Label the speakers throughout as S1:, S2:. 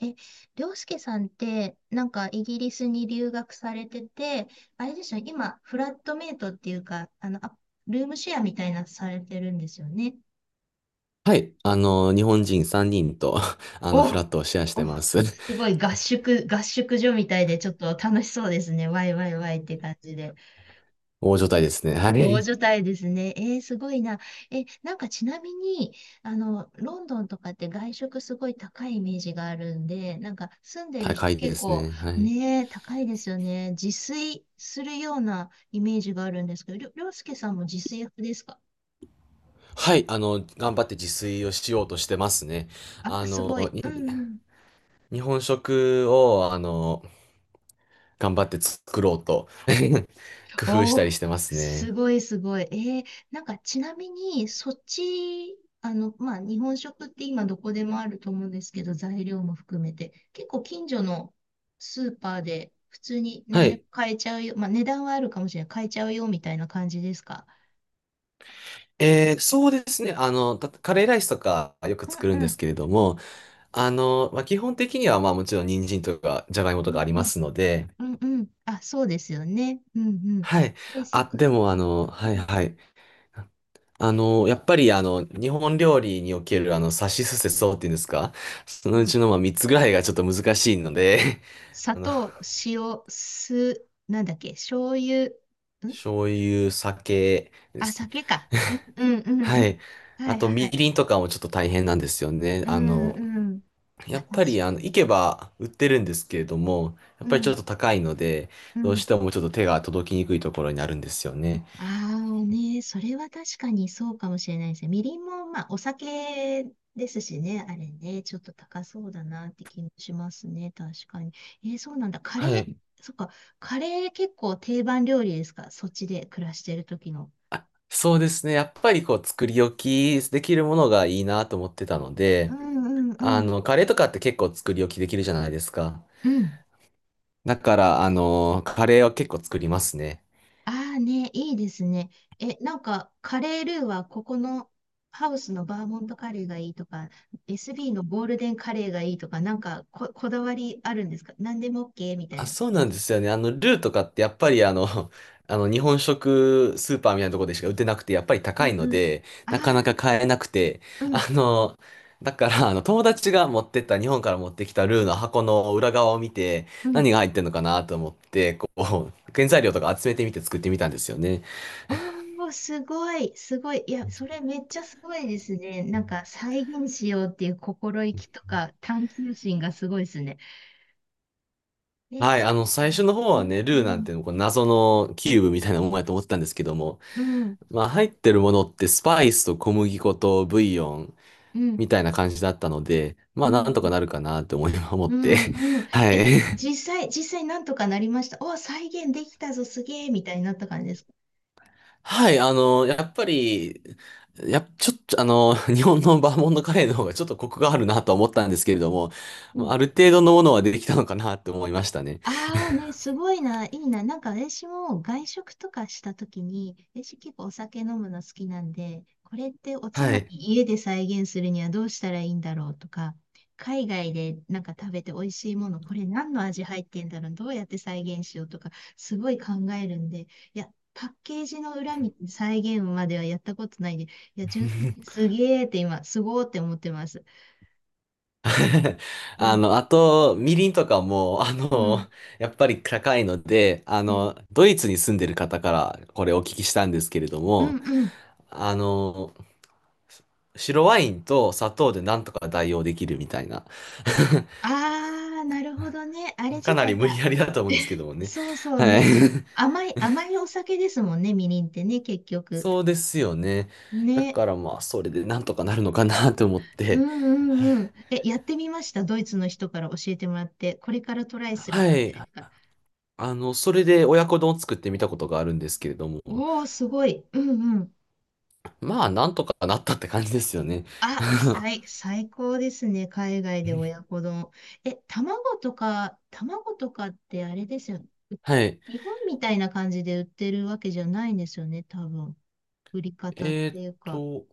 S1: え、涼介さんって、なんかイギリスに留学されてて、あれでしょ？今、フラットメイトっていうか、ルームシェアみたいなのされてるんですよね。
S2: はい。日本人3人と、
S1: お、
S2: フラットをシェアして
S1: お、
S2: ます。
S1: すごい合宿所みたいで、ちょっと楽しそうですね。ワイワイワイって感じで。
S2: 大所帯ですね。は
S1: 大
S2: い。
S1: 所帯ですね。すごいな。え、なんかちなみに、ロンドンとかって外食すごい高いイメージがあるんで、なんか住んでる人
S2: 高いで
S1: 結
S2: す
S1: 構
S2: ね。はい。
S1: ね、高いですよね。自炊するようなイメージがあるんですけど、りょうすけさんも自炊派ですか
S2: はい。頑張って自炊をしようとしてますね。
S1: あ、
S2: あ
S1: すご
S2: の、
S1: い。
S2: に
S1: うんうん。
S2: 日本食を、頑張って作ろうと 工夫した
S1: お
S2: り
S1: ー、
S2: してます
S1: す
S2: ね。
S1: ごいすごい。なんかちなみに、そっち、まあ、日本食って今どこでもあると思うんですけど、材料も含めて、結構近所のスーパーで普通に
S2: は
S1: 何でも
S2: い。
S1: 買えちゃうよ。まあ、値段はあるかもしれない。買えちゃうよみたいな感じですか？
S2: そうですね。カレーライスとかよく作
S1: う
S2: るん
S1: んう
S2: です
S1: ん。
S2: けれども、まあ、基本的には、まあもちろん人参とかじゃがいも
S1: う
S2: とか
S1: ん
S2: あり
S1: う
S2: ま
S1: ん。
S2: すので、
S1: うんうん。あ、そうですよね。うんうん。
S2: はい。
S1: そっ
S2: あ、
S1: か
S2: で
S1: そっ
S2: も
S1: か。
S2: はい
S1: うん
S2: はい。やっぱり日本料理におけるさしすせそっていうんですか？ その
S1: う
S2: う
S1: ん。
S2: ちのまあ3つぐらいがちょっと難しいので
S1: 砂
S2: あの、
S1: 糖、塩、酢、なんだっけ、醤油、ん
S2: 醤油、酒で
S1: あ、
S2: す。
S1: 酒か。うん うんうんう
S2: は
S1: ん。
S2: い。
S1: は
S2: あ
S1: い
S2: と、
S1: は
S2: み
S1: い。
S2: りんとかもちょっと大変なんですよね。
S1: うんうん。あ、
S2: やっ
S1: 確
S2: ぱり、
S1: かに。
S2: 行けば売ってるんですけれども、や
S1: う
S2: っぱりちょ
S1: ん
S2: っと高いので、
S1: う
S2: どう
S1: ん。
S2: してもちょっと手が届きにくいところになるんですよね。
S1: ああね、それは確かにそうかもしれないですね。みりんも、まあ、お酒ですしね、あれね、ちょっと高そうだなって気もしますね、確かに。そうなんだ。カレ
S2: は
S1: ー、
S2: い。
S1: そっか、カレー結構定番料理ですか？そっちで暮らしてる時の。
S2: そうですね。やっぱりこう作り置きできるものがいいなと思ってたの
S1: う
S2: で、
S1: んうんうん。
S2: カレーとかって結構作り置きできるじゃないですか。
S1: うん。
S2: だから、カレーは結構作りますね。
S1: ああね、いいですね。え、なんか、カレールーはここのハウスのバーモントカレーがいいとか、SB のゴールデンカレーがいいとか、なんかこだわりあるんですか？何でも OK みたい
S2: あ、
S1: な感
S2: そう
S1: じで
S2: なん
S1: す
S2: で
S1: か？
S2: すよね。ルーとかってやっぱり日本食スーパーみたいなところでしか売ってなくて、やっぱり
S1: う
S2: 高
S1: ん
S2: いの
S1: うん。
S2: で、なか
S1: あ
S2: なか買えなくて、
S1: あ、うん
S2: あの、だから、友達が持ってった、日本から持ってきたルーの箱の裏側を見て、
S1: うん。
S2: 何が入ってるのかなと思って、こう、原材料とか集めてみて作ってみたんですよね。
S1: おー、すごい、すごい。いや、それめっちゃすごいですね。なんか、再現しようっていう心意気とか、探求心がすごいですね。
S2: はい、
S1: そう
S2: 最
S1: なん
S2: 初
S1: だ。
S2: の方
S1: う
S2: は
S1: ん
S2: ね、
S1: う
S2: ルーなん
S1: ん。
S2: ていうの、こう謎のキューブみたいなものやと思ってたんですけども、
S1: うん
S2: まあ、入ってるものってスパイスと小麦粉とブイヨン、
S1: うん。
S2: みたいな感じだったので、ま
S1: う
S2: あなんとか
S1: ん。
S2: なるかなって思い思っ
S1: う
S2: て。
S1: んうん。
S2: は
S1: え、
S2: い。
S1: 実際なんとかなりました。お、再現できたぞ、すげえみたいになった感じですか？
S2: はい、やっぱり、ちょっと、日本のバーモントカレーの方がちょっとコクがあるなと思ったんですけれども、まあある程度のものはできたのかなって思いましたね。
S1: ああね、すごいな、いいな。なんか私も外食とかしたときに、私結構お酒飲むの好きなんで、これっておつ
S2: は
S1: まみ
S2: い。
S1: 家で再現するにはどうしたらいいんだろうとか、海外でなんか食べて美味しいもの、これ何の味入ってんだろう、どうやって再現しようとか、すごい考えるんで、いや、パッケージの裏見て再現まではやったことないんで、いや、純粋にすげーって今、すごーって思ってます。うん、
S2: あと、みりんとかも、
S1: うん、
S2: やっぱり高いので、
S1: うん、
S2: ドイツに住んでる方からこれお聞きしたんですけれど
S1: うん、
S2: も、
S1: うん。
S2: あの、白ワインと砂糖でなんとか代用できるみたいな。
S1: ああ、なるほどね。あれ
S2: か
S1: 自
S2: なり
S1: 体
S2: 無理
S1: が。
S2: やりだと思うんですけ どもね。
S1: そうそう
S2: はい。
S1: ね。甘い、甘いお酒ですもんね、みりんってね、結局。
S2: そうですよね。だ
S1: ね。
S2: からまあ、それでなんとかなるのかなと思っ
S1: う
S2: て。
S1: んうんうん。え、やってみました？ドイツの人から教えてもらって。これからトライする
S2: は
S1: 感じ
S2: い。
S1: ですか？
S2: それで親子丼を作ってみたことがあるんですけれども、
S1: おー、すごい。うんうん。
S2: まあ、なんとかなったって感じですよね。
S1: あ、最高ですね。海外で親子丼。え、卵とかってあれですよね。
S2: はい。
S1: 日本みたいな感じで売ってるわけじゃないんですよね、多分。売り方っ
S2: え
S1: て
S2: ーっ
S1: いうか。
S2: と、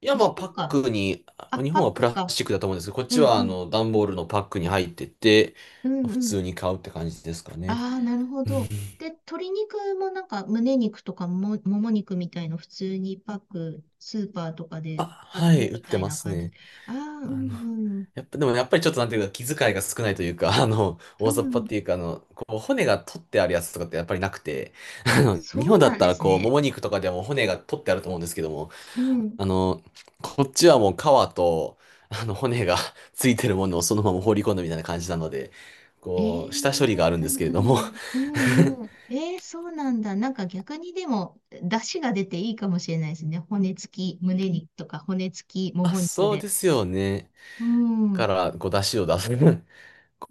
S2: いや、ま
S1: 一
S2: あ、パ
S1: 週
S2: ッ
S1: 間。
S2: クに、
S1: あ、
S2: 日
S1: パッ
S2: 本はプ
S1: ク
S2: ラス
S1: か。
S2: チックだと思うんですけど、こっ
S1: う
S2: ち
S1: ん
S2: は、
S1: うん。
S2: 段ボールのパックに入ってて、
S1: うんう
S2: 普
S1: ん。
S2: 通に買うって感じですかね。
S1: ああ、なるほ
S2: うん。
S1: ど。で、鶏肉もなんか胸肉とかも、もも肉みたいの普通にパック、スーパーとか
S2: あ、
S1: で買っ
S2: は
S1: て
S2: い、売っ
S1: みた
S2: て
S1: い
S2: ま
S1: な
S2: す
S1: 感じ。
S2: ね。
S1: ああ、う
S2: あの、
S1: んうん。
S2: やっぱ、でもやっぱりちょっとなんていうか、気遣いが少ないというか、
S1: う
S2: 大雑把っ
S1: ん。
S2: ていうか、こう、骨が取ってあるやつとかってやっぱりなくて、
S1: あ、
S2: 日
S1: そ
S2: 本
S1: う
S2: だ
S1: な
S2: っ
S1: ん
S2: た
S1: で
S2: ら、
S1: す
S2: こう、も
S1: ね。
S2: も肉とかでも骨が取ってあると思うんですけども、
S1: うん。
S2: あの、こっちはもう皮と、骨が ついてるものをそのまま放り込んだみたいな感じなので、
S1: ええ
S2: こう、下処理があるん
S1: う
S2: で
S1: ん
S2: すけれ
S1: う
S2: ども、
S1: ん。うんうん。ええそうなんだ。なんか逆にでも、出汁が出ていいかもしれないですね。骨付き、胸肉とか骨付き、も
S2: あ、
S1: も肉
S2: そう
S1: で。
S2: ですよね。
S1: う
S2: か
S1: ん。
S2: ら、こう、出汁を出す。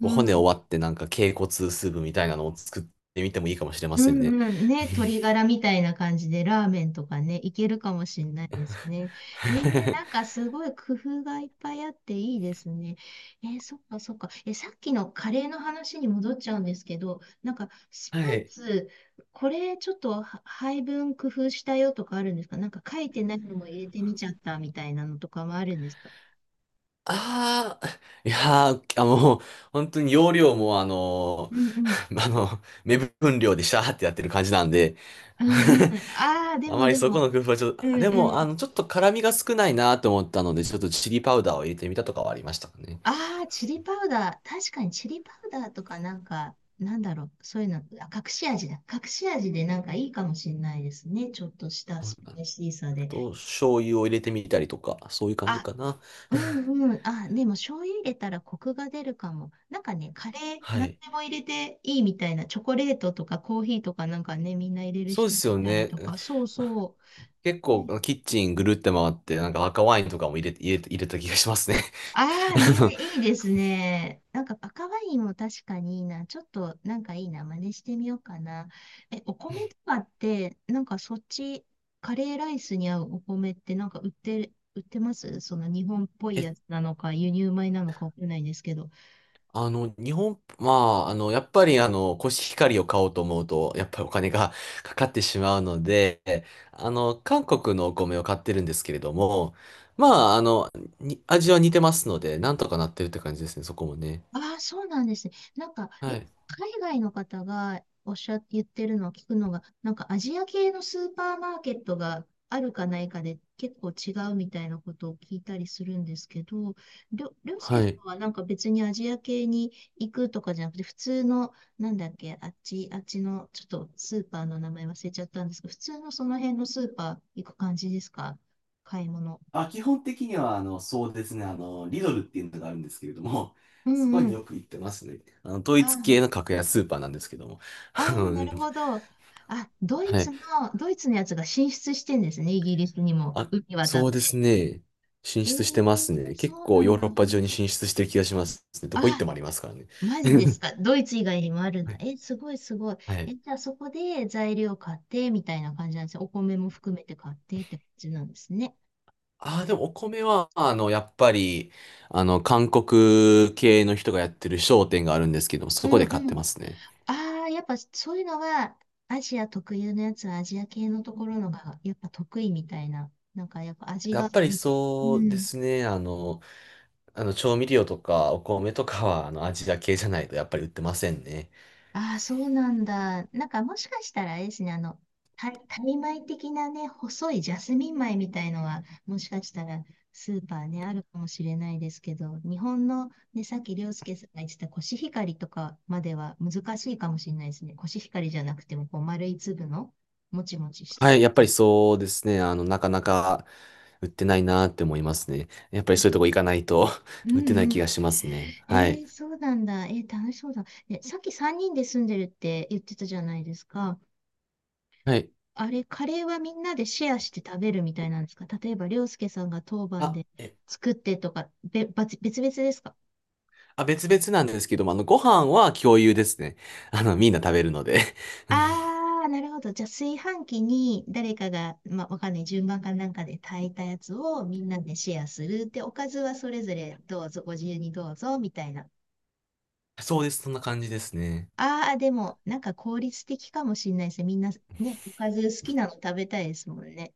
S1: う
S2: う骨を
S1: ん。
S2: 割って、なんか、脛骨スープみたいなのを作ってみてもいいかもしれま
S1: う
S2: せんね。
S1: んうん。ね、鶏ガラみたいな感じでラーメンとかね、いけるかもしれないですね。なん かすごい工夫がいっぱいあっていいですね。そっかそっか。えさっきのカレーの話に戻っちゃうんですけど、なんかス
S2: は
S1: パイ
S2: い。
S1: ス、これちょっとは配分工夫したよとかあるんですか？なんか書いてないのも入れてみちゃったみたいなのとかもあるんですか？
S2: ああ、いやー、あもう、本当に容量も、
S1: うんうん。
S2: ー あの、目分量でシャーってやってる感じなんで、
S1: うんうん。あ あ、で
S2: あ
S1: も
S2: まり
S1: で
S2: そこ
S1: も。
S2: の工夫はちょっ
S1: う
S2: と、
S1: ん
S2: で
S1: う
S2: も、
S1: ん。
S2: ちょっと辛みが少ないなと思ったので、ちょっとチリパウダーを入れてみたとかはありましたかね。
S1: ああ、チリパウダー。確かにチリパウダーとかなんか、なんだろう。そういうの、あ、隠し味だ。隠し味でなんかいいかもしれないですね。ちょっと
S2: そうい
S1: した
S2: う
S1: ス
S2: 感
S1: パイ
S2: じ
S1: シーさ
S2: あ
S1: で。
S2: と、醤油を入れてみたりとか、そういう感じ
S1: あ、
S2: かな。
S1: うんうん。あ、でも醤油入れたらコクが出るかも。なんかね、カレー、
S2: は
S1: 何
S2: い。
S1: でも入れていいみたいな。チョコレートとかコーヒーとかなんかね、みんな入れる
S2: そうで
S1: 人
S2: すよ
S1: いたり
S2: ね。
S1: とか。そうそ
S2: 結
S1: う。
S2: 構、キッチンぐるって回って、なんか赤ワインとかも入れた気がしますね。
S1: ああ
S2: あの
S1: ね、いいですね。なんか赤ワインも確かにいいな。ちょっとなんかいいな。真似してみようかな。え、お米とかって、なんかそっち、カレーライスに合うお米ってなんか売ってますその日本っぽい
S2: えっ
S1: やつなのか、輸入米なのかわかんないんですけど。
S2: あの、日本、まあ、やっぱり、コシヒカリを買おうと思うと、やっぱりお金が かかってしまうので、韓国のお米を買ってるんですけれども、まあ、味は似てますので、なんとかなってるって感じですね、そこもね。
S1: ああ、そうなんですね。なんか、
S2: は
S1: よく
S2: い。
S1: 海外の方がおっしゃって言ってるのを聞くのが、なんかアジア系のスーパーマーケットがあるかないかで結構違うみたいなことを聞いたりするんですけど、りょうすけ
S2: は
S1: さ
S2: い。
S1: んはなんか別にアジア系に行くとかじゃなくて、普通の、なんだっけ、あっちの、ちょっとスーパーの名前忘れちゃったんですけど、普通のその辺のスーパー行く感じですか？買い物。
S2: あ、基本的には、そうですね、リドルっていうのがあるんですけれども、
S1: う
S2: そこ
S1: んう
S2: に
S1: ん。
S2: よく行ってますね。統一系の
S1: あ
S2: 格安スーパーなんですけども。あ
S1: ああ、
S2: のう
S1: な
S2: ん
S1: るほど。あ、
S2: はい。
S1: ドイツのやつが進出してんですね、イギリスにも、
S2: あ、
S1: 海渡
S2: そ
S1: っ
S2: うです
S1: て。
S2: ね。進
S1: ええ
S2: 出してますね。結
S1: そう
S2: 構
S1: な
S2: ヨ
S1: ん
S2: ー
S1: だ。
S2: ロッパ中に進出してる気がしますね。どこ行って
S1: あ、
S2: もありますからね。
S1: マジです か？ドイツ以外にもあるんだ。え、すごいすごい。
S2: はい。
S1: え、じゃあそこで材料買ってみたいな感じなんですね。お米も含めて買ってって感じなんですね。
S2: ああ、でもお米は、やっぱり、韓国系の人がやってる商店があるんですけど、
S1: う
S2: そこ
S1: ん
S2: で買っ
S1: う
S2: て
S1: ん。
S2: ますね。
S1: ああ、やっぱそういうのは、アジア特有のやつはアジア系のところのが、やっぱ得意みたいな。なんかやっぱ味
S2: や
S1: が
S2: っぱり
S1: いい。う
S2: そうで
S1: ん。
S2: すね。あの調味料とかお米とかは、アジア系じゃないとやっぱり売ってませんね。
S1: ああ、そうなんだ。なんかもしかしたらあれですね、タイ米的なね、細いジャスミン米みたいのは、もしかしたらスーパーね、あるかもしれないですけど、日本のね、さっき涼介さんが言ってたコシヒカリとかまでは難しいかもしれないですね。コシヒカリじゃなくても、こう、丸い粒の、もちもちしたや
S2: はい、やっぱり
S1: つ。
S2: そうですね。なかなか売ってないなって思いますね。やっぱり
S1: う
S2: そういうとこ
S1: ん
S2: 行かないと
S1: う
S2: 売ってない
S1: んう
S2: 気
S1: ん。
S2: がしますね。
S1: え
S2: はい。
S1: そうなんだ。楽しそうだ。え、さっき3人で住んでるって言ってたじゃないですか。
S2: はい。
S1: あれ、カレーはみんなでシェアして食べるみたいなんですか？例えば、りょうすけさんが当番
S2: あ、
S1: で
S2: え、
S1: 作ってとか、べ、ばつ別々ですか？
S2: あ、別々なんですけども、ご飯は共有ですね。みんな食べるので うん。
S1: ああー、なるほど。じゃあ、炊飯器に誰かが、まあ、わかんない、順番かなんかで炊いたやつをみんなでシェアする。で、おかずはそれぞれどうぞ、ご自由にどうぞ、みたいな。
S2: そうです。そんな感じですね。
S1: あー、でも、なんか効率的かもしれないですね。みんなね、おかず好きなの食べたいですもんね。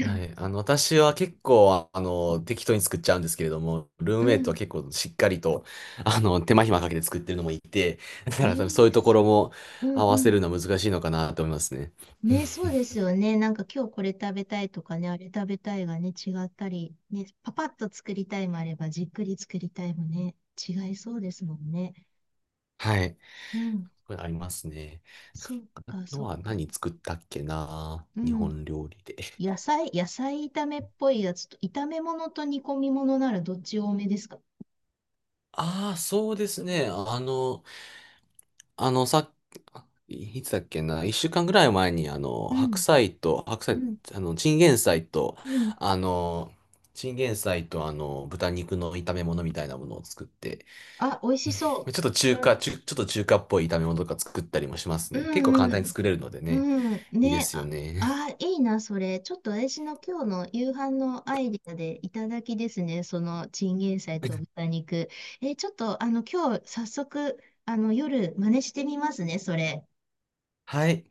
S2: は い。私は結構、適当に作っちゃうんですけれども、ルーム
S1: う
S2: メイト
S1: ん。
S2: は結構しっかりと、手間暇かけて作ってるのもいて、だ
S1: え
S2: から多分そう
S1: え
S2: い
S1: ー、
S2: うところも
S1: う
S2: 合
S1: んう
S2: わせる
S1: ん。
S2: のは難しいのかなと思いますね。
S1: ね、そうですよね。なんか今日これ食べたいとかね、あれ食べたいがね、違ったり、ね、パパッと作りたいもあれば、じっくり作りたいもね、違いそうですもんね。
S2: はい。
S1: うん。
S2: これありますね。
S1: そう
S2: あ
S1: か、
S2: と
S1: そう
S2: は
S1: か。
S2: 何作ったっけな、
S1: う
S2: 日
S1: ん。
S2: 本料理で。
S1: 野菜炒めっぽいやつと、炒め物と煮込み物ならどっち多めですか？
S2: ああ、そうですね。あの、さいつだっけな、一週間ぐらい前に、
S1: う
S2: 白
S1: ん、
S2: 菜と、白
S1: う
S2: 菜、
S1: ん、
S2: あの、チンゲン菜と、
S1: うん。
S2: あの、豚肉の炒め物みたいなものを作って、
S1: あ、美味しそう。そ
S2: ちょっと中華っぽい炒め物とか作ったりもします
S1: う
S2: ね。結構簡
S1: んう
S2: 単に
S1: ん。
S2: 作れるのでね、
S1: うん。
S2: いいで
S1: ね。
S2: すよ
S1: あ、
S2: ね。
S1: あー、いいな、それ。ちょっと私の今日の夕飯のアイディアでいただきですね。そのチンゲン菜と 豚肉。ちょっと、今日早速、夜真似してみますね、それ。
S2: はい。